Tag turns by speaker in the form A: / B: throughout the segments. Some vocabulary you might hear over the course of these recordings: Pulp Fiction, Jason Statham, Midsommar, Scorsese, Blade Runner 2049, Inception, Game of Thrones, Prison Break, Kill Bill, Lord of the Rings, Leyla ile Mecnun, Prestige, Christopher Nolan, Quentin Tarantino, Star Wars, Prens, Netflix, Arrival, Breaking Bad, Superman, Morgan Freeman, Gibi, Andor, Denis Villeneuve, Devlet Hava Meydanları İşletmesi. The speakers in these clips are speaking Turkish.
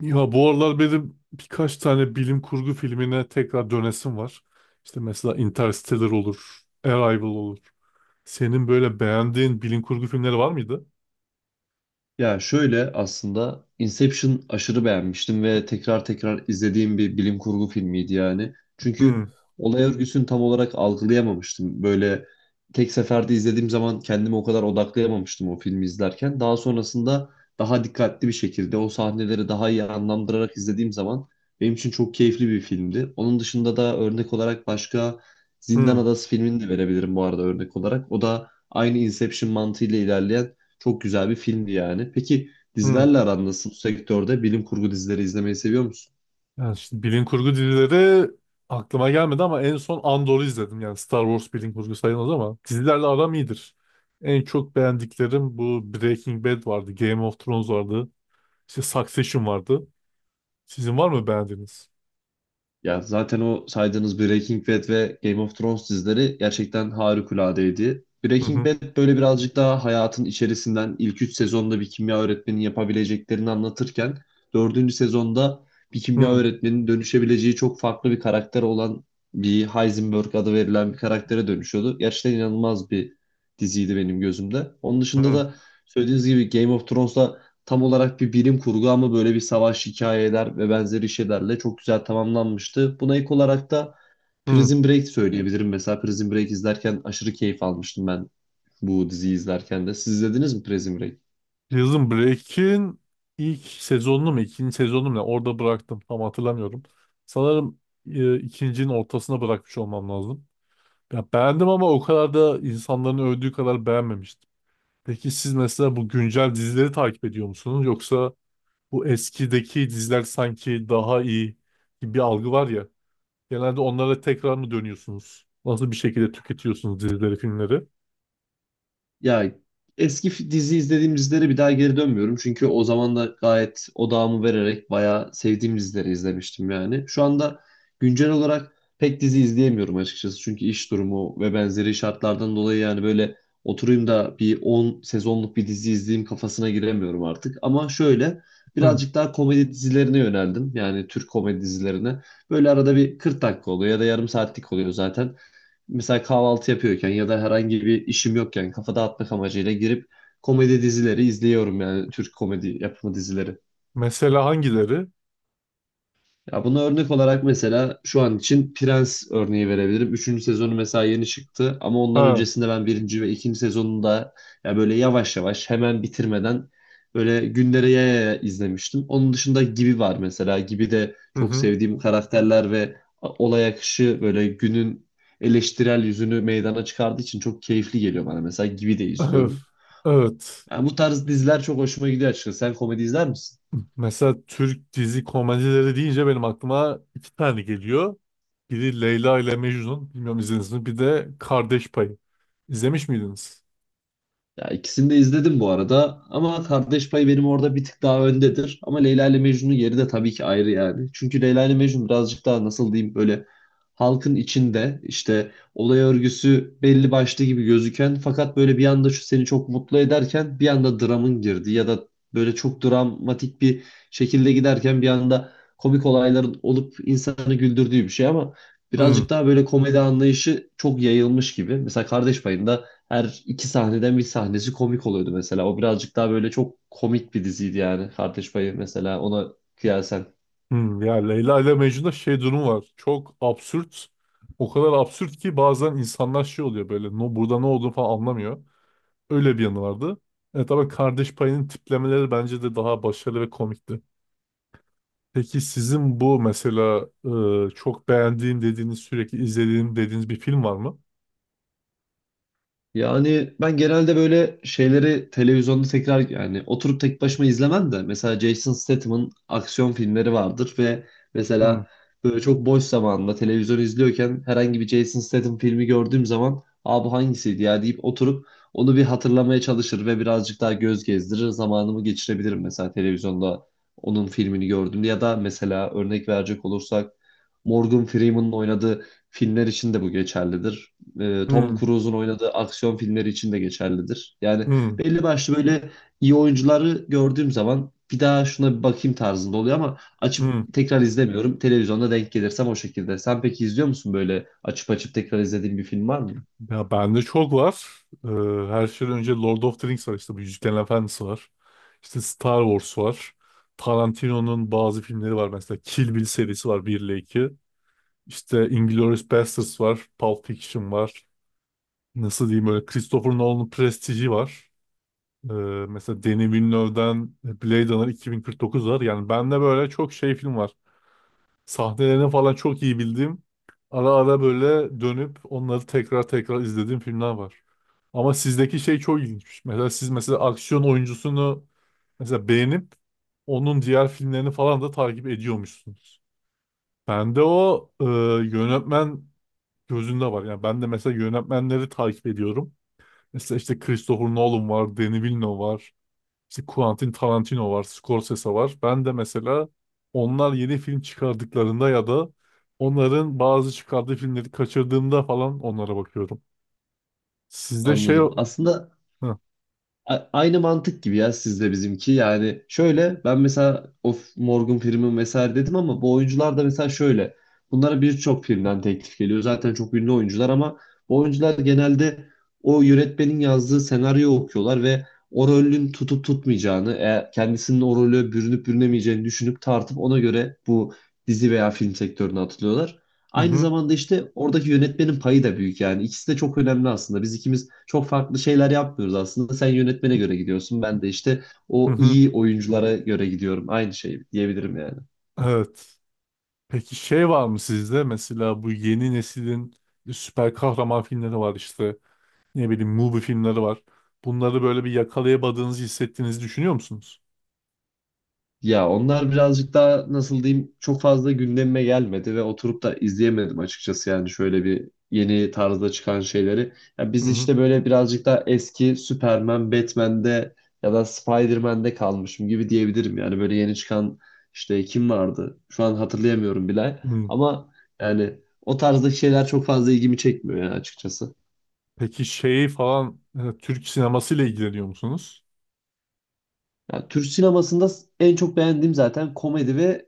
A: Ya bu aralar benim birkaç tane bilim kurgu filmine tekrar dönesim var. İşte mesela Interstellar olur, Arrival olur. Senin böyle beğendiğin bilim kurgu filmleri var mıydı?
B: Ya şöyle aslında Inception aşırı beğenmiştim ve tekrar tekrar izlediğim bir bilim kurgu filmiydi yani.
A: Hmm,
B: Çünkü olay örgüsünü tam olarak algılayamamıştım. Böyle tek seferde izlediğim zaman kendimi o kadar odaklayamamıştım o filmi izlerken. Daha sonrasında daha dikkatli bir şekilde o sahneleri daha iyi anlamlandırarak izlediğim zaman benim için çok keyifli bir filmdi. Onun dışında da örnek olarak başka Zindan
A: hmm,
B: Adası filmini de verebilirim bu arada örnek olarak. O da aynı Inception mantığıyla ilerleyen çok güzel bir filmdi yani. Peki
A: hmm.
B: dizilerle aran nasıl bu sektörde? Bilim kurgu dizileri izlemeyi seviyor musun?
A: Yani şimdi bilim kurgu dizileri aklıma gelmedi ama en son Andor'u izledim. Yani Star Wars bilim kurgu sayılmaz ama dizilerle aram iyidir. En çok beğendiklerim bu Breaking Bad vardı, Game of Thrones vardı, işte Succession vardı. Sizin var mı beğendiğiniz?
B: Ya zaten o saydığınız Breaking Bad ve Game of Thrones dizileri gerçekten harikuladeydi.
A: Hı
B: Breaking
A: hı,
B: Bad böyle birazcık daha hayatın içerisinden ilk 3 sezonda bir kimya öğretmeninin yapabileceklerini anlatırken dördüncü sezonda bir kimya
A: hı
B: öğretmeninin dönüşebileceği çok farklı bir karakter olan bir Heisenberg adı verilen bir karaktere dönüşüyordu. Gerçekten inanılmaz bir diziydi benim gözümde. Onun dışında
A: hı,
B: da söylediğiniz gibi Game of Thrones'la tam olarak bir bilim kurgu ama böyle bir savaş hikayeler ve benzeri şeylerle çok güzel tamamlanmıştı. Buna ilk olarak da
A: hı.
B: Prison Break söyleyebilirim. Mesela Prison Break izlerken aşırı keyif almıştım ben bu diziyi izlerken de. Siz izlediniz mi Prison Break?
A: Prison Break'in ilk sezonunu mu ikinci sezonunu mu ne? Orada bıraktım, tam hatırlamıyorum. Sanırım ikincinin ortasına bırakmış olmam lazım. Ya beğendim ama o kadar da insanların övdüğü kadar beğenmemiştim. Peki siz mesela bu güncel dizileri takip ediyor musunuz? Yoksa bu eskideki diziler sanki daha iyi gibi bir algı var ya. Genelde onlara tekrar mı dönüyorsunuz? Nasıl bir şekilde tüketiyorsunuz dizileri, filmleri?
B: Ya eski dizi izlediğim dizilere bir daha geri dönmüyorum. Çünkü o zaman da gayet odağımı vererek bayağı sevdiğim dizileri izlemiştim yani. Şu anda güncel olarak pek dizi izleyemiyorum açıkçası. Çünkü iş durumu ve benzeri şartlardan dolayı yani böyle oturayım da bir 10 sezonluk bir dizi izleyeyim kafasına giremiyorum artık. Ama şöyle
A: Hı.
B: birazcık daha komedi dizilerine yöneldim. Yani Türk komedi dizilerine. Böyle arada bir 40 dakika oluyor ya da yarım saatlik oluyor zaten mesela kahvaltı yapıyorken ya da herhangi bir işim yokken kafa dağıtmak amacıyla girip komedi dizileri izliyorum yani Türk komedi yapımı dizileri.
A: Mesela hangileri?
B: Ya buna örnek olarak mesela şu an için Prens örneği verebilirim. Üçüncü sezonu mesela yeni çıktı ama ondan
A: Ha.
B: öncesinde ben birinci ve ikinci sezonunda ya böyle yavaş yavaş hemen bitirmeden böyle günlere yaya yaya izlemiştim. Onun dışında Gibi var mesela. Gibi de
A: Hı
B: çok
A: hı.
B: sevdiğim karakterler ve olay akışı böyle günün eleştirel yüzünü meydana çıkardığı için çok keyifli geliyor bana. Mesela Gibi de izliyorum.
A: Evet.
B: Yani bu tarz diziler çok hoşuma gidiyor açıkçası. Sen komedi izler misin?
A: Mesela Türk dizi komedileri deyince benim aklıma iki tane geliyor. Biri Leyla ile Mecnun. Bilmiyorum, izlediniz mi? Bir de Kardeş Payı. İzlemiş miydiniz?
B: Ya ikisini de izledim bu arada ama Kardeş Payı benim orada bir tık daha öndedir. Ama Leyla ile Mecnun'un yeri de tabii ki ayrı yani. Çünkü Leyla ile Mecnun birazcık daha nasıl diyeyim böyle halkın içinde işte olay örgüsü belli başlı gibi gözüken fakat böyle bir anda şu seni çok mutlu ederken bir anda dramın girdi ya da böyle çok dramatik bir şekilde giderken bir anda komik olayların olup insanı güldürdüğü bir şey ama
A: Hmm,
B: birazcık daha böyle komedi anlayışı çok yayılmış gibi. Mesela Kardeş Payı'nda her iki sahneden bir sahnesi komik oluyordu mesela. O birazcık daha böyle çok komik bir diziydi yani. Kardeş Payı mesela ona kıyasen.
A: hmm. Ya Leyla ile Mecnun'da şey durum var. Çok absürt. O kadar absürt ki bazen insanlar şey oluyor böyle. No, burada ne olduğunu falan anlamıyor. Öyle bir yanı vardı. E tabii Kardeş Payı'nın tiplemeleri bence de daha başarılı ve komikti. Peki sizin bu mesela çok beğendiğim dediğiniz, sürekli izlediğim dediğiniz bir film var mı?
B: Yani ben genelde böyle şeyleri televizyonda tekrar yani oturup tek başıma izlemem de mesela Jason Statham'ın aksiyon filmleri vardır ve
A: Hmm.
B: mesela böyle çok boş zamanında televizyon izliyorken herhangi bir Jason Statham filmi gördüğüm zaman Aa bu hangisiydi ya deyip oturup onu bir hatırlamaya çalışır ve birazcık daha göz gezdirir zamanımı geçirebilirim mesela televizyonda onun filmini gördüğümde ya da mesela örnek verecek olursak Morgan Freeman'ın oynadığı filmler için de bu geçerlidir, Tom
A: Hmm,
B: Cruise'un oynadığı aksiyon filmleri için de geçerlidir. Yani
A: hmm,
B: belli başlı böyle iyi oyuncuları gördüğüm zaman bir daha şuna bir bakayım tarzında oluyor ama açıp
A: hmm.
B: tekrar izlemiyorum. Televizyonda denk gelirsem o şekilde. Sen peki izliyor musun böyle açıp açıp tekrar izlediğin bir film var mı?
A: Ya bende çok var. Her şeyden önce Lord of the Rings var, işte bu Yüzüklerin Efendisi var. İşte Star Wars var. Tarantino'nun bazı filmleri var, mesela Kill Bill serisi var, 1 ile 2. İşte Inglourious Basterds var. Pulp Fiction var. Nasıl diyeyim, böyle Christopher Nolan'ın Prestige'i var. Ee, Mesela Denis Villeneuve'den Blade Runner 2049 var. Yani bende böyle çok şey film var. Sahnelerini falan çok iyi bildiğim, ara ara böyle dönüp onları tekrar tekrar izlediğim filmler var. Ama sizdeki şey çok ilginçmiş. Mesela siz mesela aksiyon oyuncusunu mesela beğenip onun diğer filmlerini falan da takip ediyormuşsunuz. Bende o yönetmen gözünde var. Yani ben de mesela yönetmenleri takip ediyorum. Mesela işte Christopher Nolan var, Denis Villeneuve var. İşte Quentin Tarantino var, Scorsese var. Ben de mesela onlar yeni film çıkardıklarında ya da onların bazı çıkardığı filmleri kaçırdığımda falan onlara bakıyorum. Sizde şey.
B: Anladım. Aslında
A: Hı,
B: Aynı mantık gibi ya sizde bizimki. Yani şöyle ben mesela of Morgan Freeman vesaire dedim ama bu oyuncular da mesela şöyle. Bunlara birçok filmden teklif geliyor. Zaten çok ünlü oyuncular ama bu oyuncular genelde o yönetmenin yazdığı senaryo okuyorlar ve o rolün tutup tutmayacağını, kendisinin o rolü bürünüp bürünemeyeceğini düşünüp tartıp ona göre bu dizi veya film sektörüne atılıyorlar.
A: hı,
B: Aynı
A: hı,
B: zamanda işte oradaki yönetmenin payı da büyük yani. İkisi de çok önemli aslında. Biz ikimiz çok farklı şeyler yapmıyoruz aslında. Sen yönetmene göre gidiyorsun. Ben de işte
A: hı.
B: o
A: Hı.
B: iyi oyunculara göre gidiyorum. Aynı şey diyebilirim yani.
A: Evet. Peki şey var mı sizde? Mesela bu yeni neslin süper kahraman filmleri var işte. Ne bileyim movie filmleri var. Bunları böyle bir yakalayamadığınızı hissettiğinizi düşünüyor musunuz?
B: Ya onlar birazcık daha nasıl diyeyim çok fazla gündemime gelmedi ve oturup da izleyemedim açıkçası yani şöyle bir yeni tarzda çıkan şeyleri. Ya
A: Hı
B: biz
A: hı.
B: işte böyle birazcık daha eski Superman, Batman'de ya da Spider-Man'de kalmışım gibi diyebilirim. Yani böyle yeni çıkan işte kim vardı? Şu an hatırlayamıyorum bile.
A: Hı.
B: Ama yani o tarzdaki şeyler çok fazla ilgimi çekmiyor yani açıkçası.
A: Peki şey falan Türk sinemasıyla ilgileniyor musunuz?
B: Yani Türk sinemasında en çok beğendiğim zaten komedi ve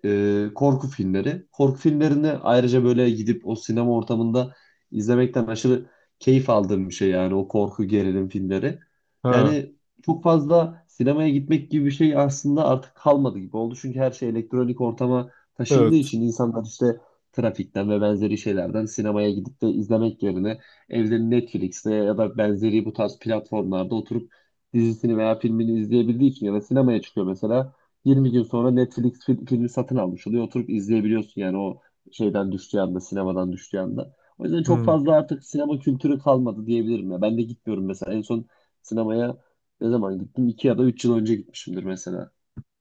B: korku filmleri. Korku filmlerini ayrıca böyle gidip o sinema ortamında izlemekten aşırı keyif aldığım bir şey yani o korku gerilim filmleri.
A: He.
B: Yani çok fazla sinemaya gitmek gibi bir şey aslında artık kalmadı gibi oldu. Çünkü her şey elektronik ortama taşındığı
A: Evet.
B: için insanlar işte trafikten ve benzeri şeylerden sinemaya gidip de izlemek yerine evde Netflix'te ya da benzeri bu tarz platformlarda oturup dizisini veya filmini izleyebildiği için ya da sinemaya çıkıyor mesela 20 gün sonra Netflix filmi satın almış oluyor. Oturup izleyebiliyorsun yani o şeyden düştüğü anda, sinemadan düştüğü anda. O yüzden çok
A: Hmm,
B: fazla artık sinema kültürü kalmadı diyebilirim ya. Ben de gitmiyorum mesela. En son sinemaya ne zaman gittim? 2 ya da 3 yıl önce gitmişimdir mesela.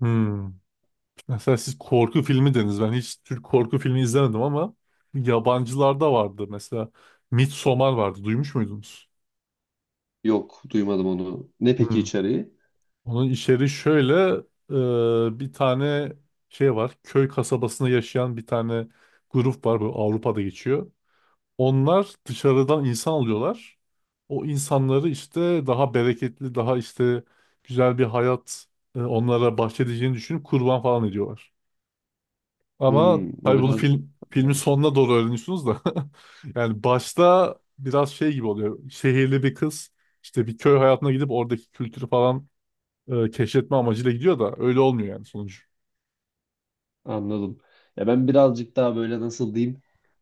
A: hmm. Mesela siz korku filmi dediniz. Ben hiç Türk korku filmi izlemedim ama yabancılarda vardı. Mesela Midsommar vardı. Duymuş muydunuz?
B: Yok, duymadım onu. Ne peki
A: Hmm.
B: içeriği?
A: Onun içeriği şöyle, bir tane şey var. Köy kasabasında yaşayan bir tane grup var. Böyle Avrupa'da geçiyor. Onlar dışarıdan insan alıyorlar. O insanları işte daha bereketli, daha işte güzel bir hayat onlara bahşedeceğini düşünüp kurban falan ediyorlar. Ama
B: Hmm, o
A: tabii bunu
B: biraz...
A: filmin sonuna doğru öğreniyorsunuz da. Yani başta biraz şey gibi oluyor. Şehirli bir kız işte bir köy hayatına gidip oradaki kültürü falan keşfetme amacıyla gidiyor da öyle olmuyor yani sonucu.
B: Anladım. Ya ben birazcık daha böyle nasıl diyeyim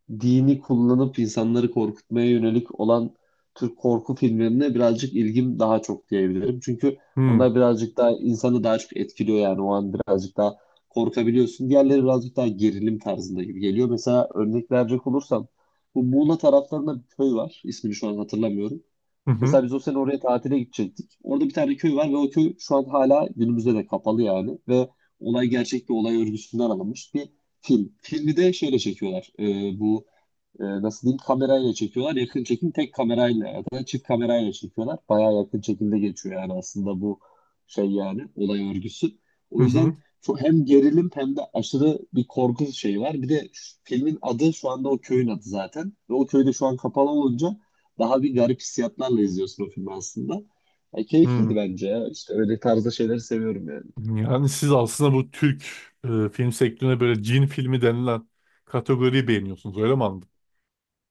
B: dini kullanıp insanları korkutmaya yönelik olan Türk korku filmlerine birazcık ilgim daha çok diyebilirim. Çünkü
A: Hmm.
B: onlar birazcık daha insanı daha çok etkiliyor yani o an birazcık daha korkabiliyorsun. Diğerleri birazcık daha gerilim tarzında gibi geliyor. Mesela örnek verecek olursam bu Muğla taraflarında bir köy var. İsmini şu an hatırlamıyorum.
A: Hı hı.
B: Mesela biz o sene oraya tatile gidecektik. Orada bir tane köy var ve o köy şu an hala günümüzde de kapalı yani. Ve olay gerçek bir olay örgüsünden alınmış bir film. Filmi de şeyle çekiyorlar. Bu nasıl diyeyim kamerayla çekiyorlar. Yakın çekim tek kamerayla ya da çift kamerayla çekiyorlar. Bayağı yakın çekimde geçiyor yani aslında bu şey yani olay örgüsü.
A: Hı
B: O
A: hı.
B: yüzden çok hem gerilim hem de aşırı bir korku şeyi var. Bir de filmin adı şu anda o köyün adı zaten. Ve o köyde şu an kapalı olunca daha bir garip hissiyatlarla izliyorsun o filmi aslında. Ya keyifliydi
A: Hı.
B: bence ya. İşte öyle tarzda şeyleri seviyorum yani.
A: Yani siz aslında bu Türk film sektörüne böyle cin filmi denilen kategoriyi beğeniyorsunuz, öyle mi?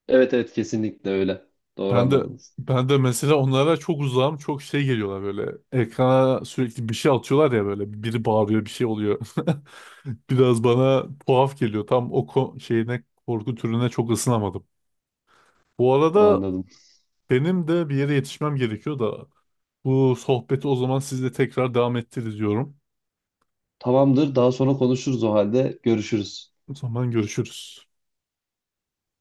B: Evet, evet, kesinlikle öyle. Doğru
A: Ben de
B: anladınız.
A: ben de mesela onlara çok uzağım. Çok şey geliyorlar böyle. Ekrana sürekli bir şey atıyorlar ya böyle. Biri bağırıyor, bir şey oluyor. Biraz bana tuhaf geliyor. Tam o şeyine, korku türüne çok ısınamadım. Bu arada
B: Anladım.
A: benim de bir yere yetişmem gerekiyor da bu sohbeti o zaman sizle tekrar devam ettiririz diyorum.
B: Tamamdır. Daha sonra konuşuruz o halde. Görüşürüz.
A: O zaman görüşürüz.